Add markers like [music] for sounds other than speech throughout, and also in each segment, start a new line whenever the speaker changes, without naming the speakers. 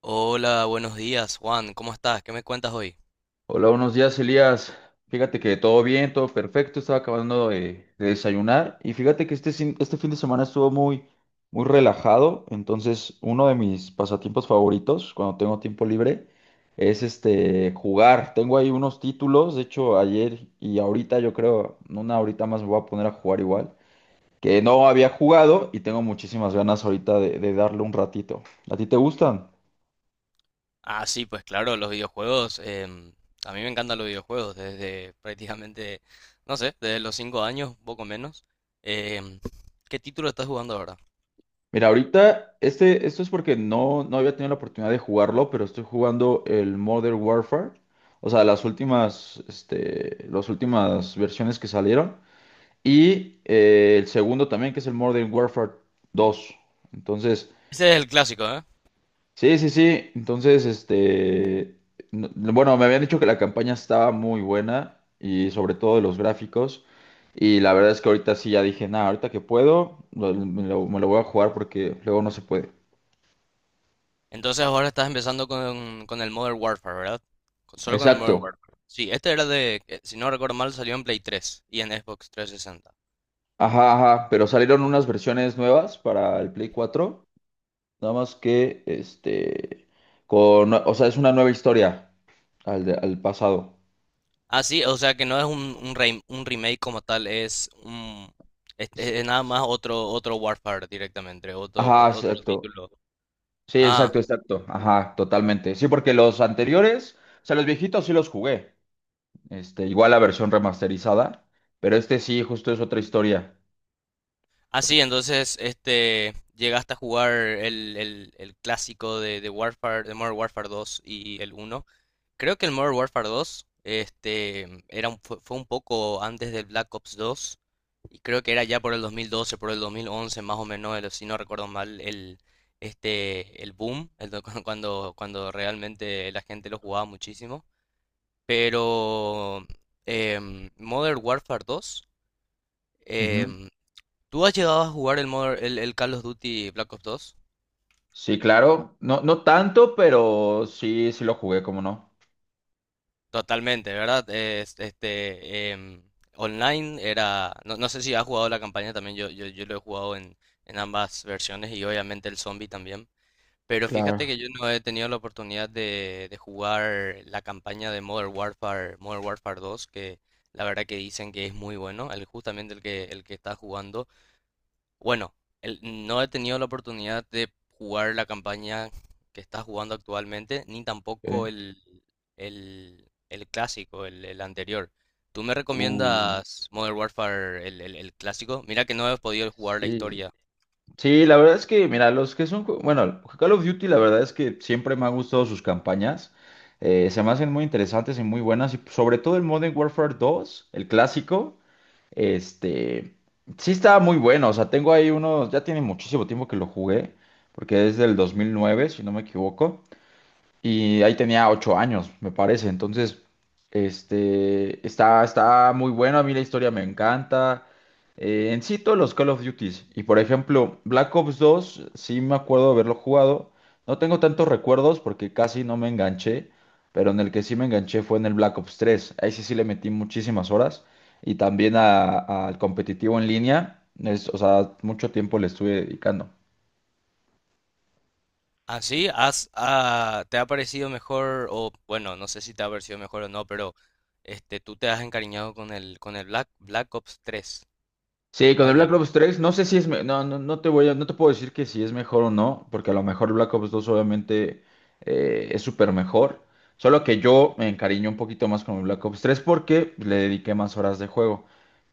Hola, buenos días, Juan. ¿Cómo estás? ¿Qué me cuentas hoy?
Hola, buenos días, Elías. Fíjate que todo bien, todo perfecto. Estaba acabando de desayunar y fíjate que este fin de semana estuvo muy relajado. Entonces, uno de mis pasatiempos favoritos cuando tengo tiempo libre es jugar. Tengo ahí unos títulos. De hecho, ayer y ahorita, yo creo, en una horita más me voy a poner a jugar igual, que no había jugado y tengo muchísimas ganas ahorita de darle un ratito. ¿A ti te gustan?
Ah, sí, pues claro, los videojuegos. A mí me encantan los videojuegos desde prácticamente, no sé, desde los 5 años, un poco menos. Em, ¿Qué título estás jugando ahora?
Mira, ahorita, esto es porque no había tenido la oportunidad de jugarlo, pero estoy jugando el Modern Warfare, o sea, las últimas, las últimas versiones que salieron, y el segundo también, que es el Modern Warfare dos. Entonces,
Ese es el clásico, ¿eh?
sí, entonces, bueno, me habían dicho que la campaña estaba muy buena, y sobre todo de los gráficos, y la verdad es que ahorita sí ya dije, nada, ahorita que puedo, lo- me lo me lo voy a jugar porque luego no se puede.
Entonces ahora estás empezando con el Modern Warfare, ¿verdad? Solo con el
Exacto.
Modern Warfare. Sí, este era de, si no recuerdo mal, salió en Play 3 y en Xbox 360.
Ajá, ajá. Pero salieron unas versiones nuevas para el Play 4. Nada más que, con, o sea, es una nueva historia al pasado.
Ah, sí, o sea que no es un remake como tal, es un, es,
Sí,
es nada más otro Warfare directamente,
ajá,
otro
exacto.
título.
Sí,
Ah,
exacto. Ajá, totalmente. Sí, porque los anteriores, o sea, los viejitos sí los jugué. Igual la versión remasterizada. Pero este sí, justo es otra historia.
ah,
Por-
sí, entonces este llegaste a jugar el clásico de Warfare, de Modern Warfare dos y el uno. Creo que el Modern Warfare 2, era fue un poco antes del Black Ops 2, y creo que era ya por el 2012, por el 2011 más o menos. Si no recuerdo mal, el boom, [laughs] cuando realmente la gente lo jugaba muchísimo. Pero Modern Warfare 2,
Ujú.
em, ¿tú has llegado a jugar el Call of Duty Black Ops 2?
Sí, claro. No, no tanto, pero sí, sí lo jugué, como no.
Totalmente, ¿verdad? Online era, no sé si has jugado la campaña también. Yo lo he jugado en, ambas versiones, y obviamente el zombie también, pero fíjate
Claro.
que yo no he tenido la oportunidad de jugar la campaña de Modern Warfare, que la verdad, que dicen que es muy bueno, justamente el que está jugando. Bueno, el- no he tenido la oportunidad de jugar la campaña que está jugando actualmente, ni tampoco
Ok.
el clásico, el anterior. ¿Tú me
Uh,
recomiendas Modern Warfare, el clásico? Mira que no he podido jugar la
sí.
historia.
Sí, la verdad es que, mira, los que son, bueno, Call of Duty, la verdad es que siempre me han gustado sus campañas. Se me hacen muy interesantes y muy buenas. Y sobre todo el Modern Warfare dos, el clásico, este, sí está muy bueno. O sea, tengo ahí unos, ya tiene muchísimo tiempo que lo jugué, porque es del 2009, si no me equivoco, y ahí tenía ocho años, me parece. Entonces, está muy bueno, a mí la historia me encanta. En sí, todos los Call of Duties. Y por ejemplo, Black Ops dos sí me acuerdo de haberlo jugado. No tengo tantos recuerdos porque casi no me enganché, pero en el que sí me enganché fue en el Black Ops tres. Ahí sí, sí le metí muchísimas horas. Y también al competitivo en línea, es, o sea, mucho tiempo le estuve dedicando.
¿Así? ¿Te ha parecido mejor? O bueno, no sé si te ha parecido mejor o no, pero tú te has encariñado con el Black Ops tres.
Sí, con el
Vaya.
Black Ops tres no sé si es, no te voy a, no te puedo decir que si es mejor o no, porque a lo mejor el Black Ops dos obviamente es súper mejor, solo que yo me encariñé un poquito más con el Black Ops tres porque le dediqué más horas de juego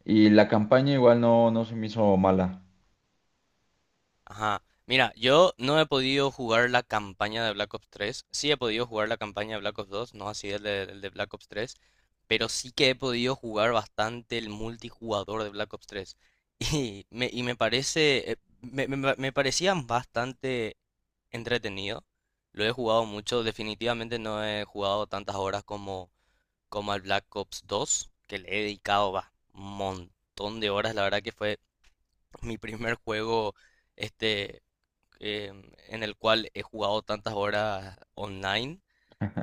y la campaña igual no se me hizo mala.
Ajá. Mira, yo no he podido jugar la campaña de Black Ops 3. Sí he podido jugar la campaña de Black Ops 2, no así el de Black Ops 3. Pero sí que he podido jugar bastante el multijugador de Black Ops 3. [laughs] Y me parece. Me parecían bastante entretenido. Lo he jugado mucho. Definitivamente no he jugado tantas horas como al Black Ops 2, que le he dedicado va, un montón de horas. La verdad que fue mi primer juego. Este, eh, en el cual he jugado tantas horas online.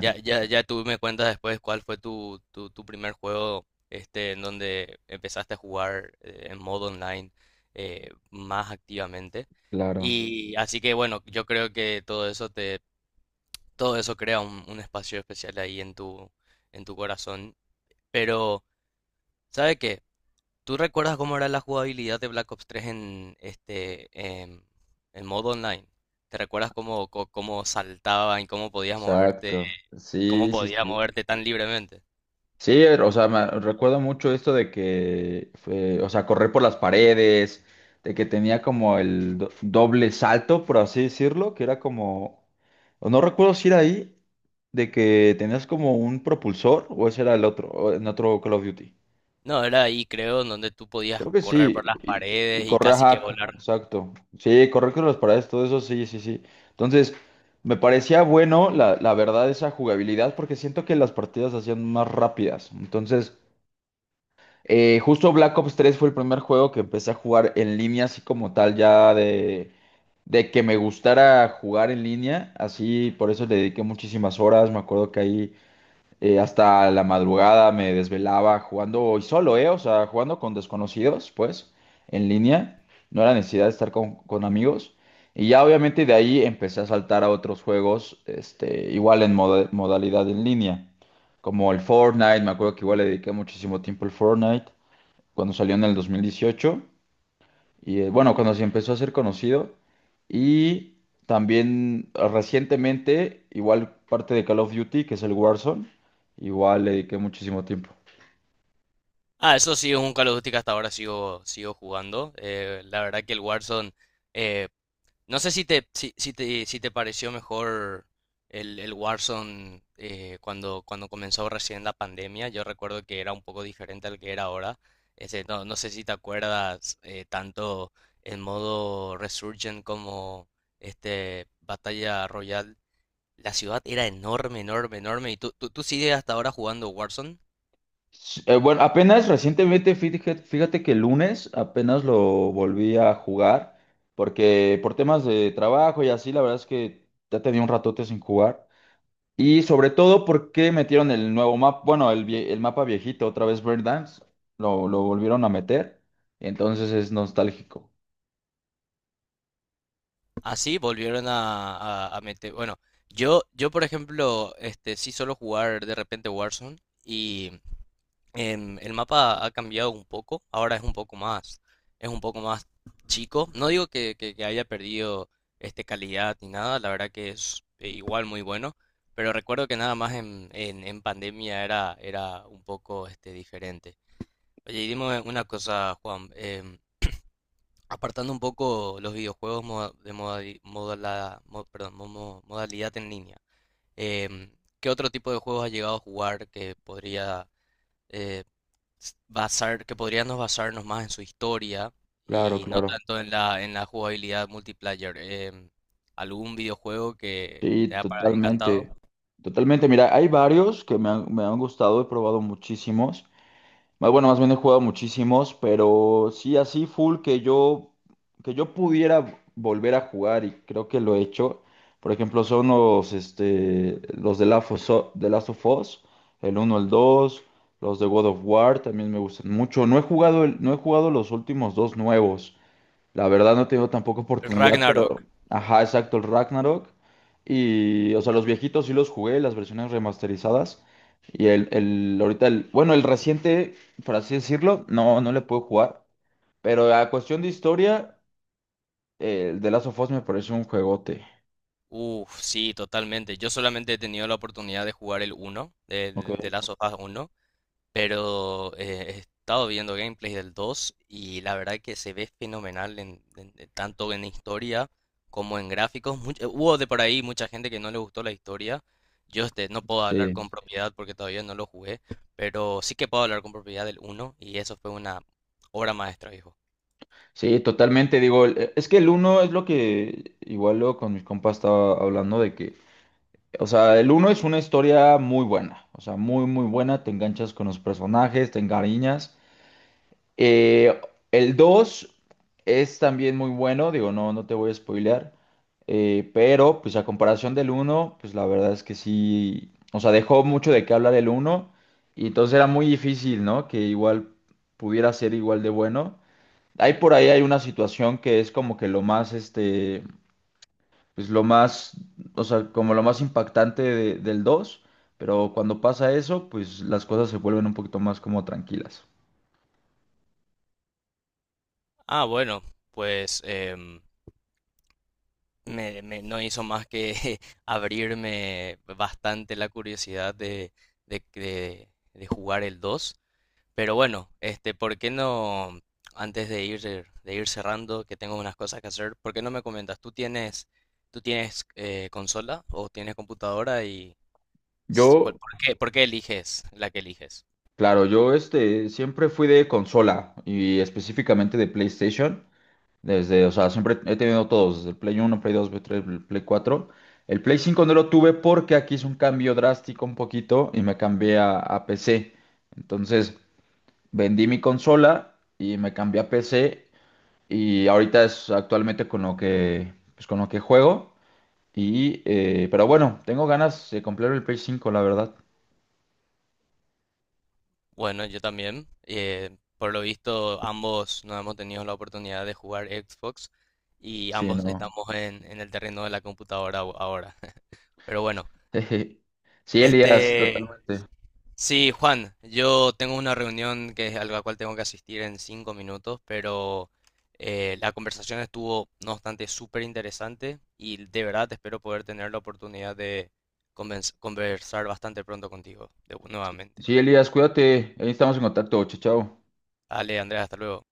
Ya, ya, ya tú me cuentas después cuál fue tu primer juego, en donde empezaste a jugar, en modo online, más activamente.
Claro,
Y así que bueno, yo creo que todo eso crea un espacio especial ahí en tu corazón. Pero, ¿sabe qué? ¿Tú recuerdas cómo era la jugabilidad de Black Ops 3 en em, en modo online? ¿Te recuerdas cómo saltaban y
exacto.
cómo
Sí, sí,
podías
sí.
moverte tan libremente?
Sí, o sea, me recuerdo mucho esto de que, o sea, correr por las paredes, de que tenía como el doble salto, por así decirlo, que era como, o no recuerdo si era ahí, de que tenías como un propulsor, o ese era el otro, o en otro Call of Duty.
No, era ahí creo en donde tú podías
Creo que
correr
sí,
por las
y
paredes y
correr,
casi que
ajá,
volar.
exacto. Sí, correr por las paredes, todo eso, sí, sí, sí. Entonces, me parecía bueno, la verdad, esa jugabilidad, porque siento que las partidas se hacían más rápidas. Entonces... Justo Black Ops 3 fue el primer juego que empecé a jugar en línea, así como tal, ya de que me gustara jugar en línea, así por eso le dediqué muchísimas horas, me acuerdo que ahí hasta la madrugada me desvelaba jugando y solo, ¿eh? O sea, jugando con desconocidos, pues, en línea, no era necesidad de estar con amigos. Y ya obviamente de ahí empecé a saltar a otros juegos, igual en modalidad en línea, como el Fortnite, me acuerdo que igual le dediqué muchísimo tiempo al Fortnite cuando salió en el 2018, y bueno, cuando se empezó a ser conocido, y también recientemente, igual parte de Call of Duty, que es el Warzone, igual le dediqué muchísimo tiempo.
Ah, eso sí es un Call of Duty que hasta ahora sigo jugando. La verdad que el Warzone, eh, no sé si te pareció mejor el Warzone cuando comenzó recién la pandemia. Yo recuerdo que era un poco diferente al que era ahora. Ese, no sé si te acuerdas, tanto el modo Resurgent como este Batalla Royal. La ciudad era enorme, enorme, enorme. ¿Y tú sigues hasta ahora jugando Warzone?
Bueno, apenas recientemente, fíjate que el lunes apenas lo volví a jugar, porque por temas de trabajo y así, la verdad es que ya tenía un ratote sin jugar. Y sobre todo, ¿por qué metieron el nuevo mapa? Bueno, el mapa viejito, otra vez Breakdance, lo volvieron a meter. Entonces es nostálgico.
Así volvieron a, a meter. Bueno, yo por ejemplo, sí suelo jugar de repente Warzone. El mapa ha cambiado un poco, ahora es es un poco más chico. No digo que haya perdido calidad ni nada, la verdad que es, igual muy bueno, pero recuerdo que nada más en, en pandemia era un poco diferente. Oye, y dime una cosa, Juan, apartando un poco los videojuegos, moda- de modali- modala- mo- perdón, modalidad en línea. em, ¿Qué otro tipo de juegos has llegado a jugar que podría, eh, basar, que podríamos basarnos más en su historia
Claro,
y no
claro.
tanto en la jugabilidad multiplayer? ¿Algún videojuego que te
Sí,
ha
totalmente.
encantado?
Totalmente. Mira, hay varios que me me han gustado, he probado muchísimos. Más bueno, más bien he jugado muchísimos, pero sí, así full que yo pudiera volver a jugar y creo que lo he hecho. Por ejemplo, son los, los de Last of Us, de Last of Us, el uno, el dos. Los de God of War también me gustan mucho. No he jugado, no he jugado los últimos dos nuevos, la verdad no he tenido tampoco
El
oportunidad,
Ragnarok.
pero ajá, exacto, el Ragnarok. Y, o sea, los viejitos sí los jugué, las versiones remasterizadas. Ahorita el, bueno, el reciente, por así decirlo, no le puedo jugar. Pero a cuestión de historia, el de Last of Us me parece un juegote.
Uf, sí, totalmente. Yo solamente he tenido la oportunidad de jugar el uno de
Ok.
Last of Us 1. Pero he estado viendo gameplays del 2, y la verdad que se ve fenomenal en tanto en historia como en gráficos. Hubo de por ahí mucha gente que no le gustó la historia. Yo no puedo hablar
Sí,
con propiedad porque todavía no lo jugué, pero sí que puedo hablar con propiedad del 1, y eso fue una obra maestra, hijo.
sí, totalmente. Digo, es que el uno es lo que igual luego con mis compas estaba hablando de que, o sea, el uno es una historia muy buena, o sea, muy buena, te enganchas con los personajes, te encariñas. Eh, el 2 es también muy bueno, digo, no te voy a spoilear, pero pues a comparación del uno, pues la verdad es que sí, o sea, dejó mucho de qué hablar el uno y entonces era muy difícil, ¿no? Que igual pudiera ser igual de bueno. Hay una situación que es como que lo más, pues lo más, o sea, como lo más impactante del dos, pero cuando pasa eso, pues las cosas se vuelven un poquito más como tranquilas.
Ah, bueno, pues no hizo más que [laughs] abrirme bastante la curiosidad de jugar el 2. Pero bueno, ¿por qué no, antes de ir cerrando, que tengo unas cosas que hacer, por qué no me comentas? Tú tienes consola o tienes computadora? Y,
Yo,
por qué eliges la que eliges?
claro, yo siempre fui de consola y específicamente de PlayStation, desde, o sea, siempre he tenido todos, desde el Play uno, Play dos, Play tres, Play cuatro. El Play cinco no lo tuve porque aquí hice un cambio drástico un poquito y me cambié a PC. Entonces, vendí mi consola y me cambié a PC. Y ahorita es actualmente con lo que, pues con lo que juego. Y, pero bueno, tengo ganas de comprar el Play 5, la verdad.
Bueno, yo también. Por lo visto, ambos no hemos tenido la oportunidad de jugar Xbox, y
Sí,
ambos
no.
estamos en, el terreno de la computadora ahora. [laughs] Pero bueno,
[laughs] Sí, Elías,
este,
totalmente.
sí, Juan, yo tengo una reunión que es a la cual tengo que asistir en 5 minutos, pero la conversación estuvo, no obstante, súper interesante, y de verdad espero poder tener la oportunidad de conversar bastante pronto contigo, nuevamente.
Sí, Elías, cuídate. Ahí estamos en contacto. Chao, chao.
Dale, Andrea, hasta luego.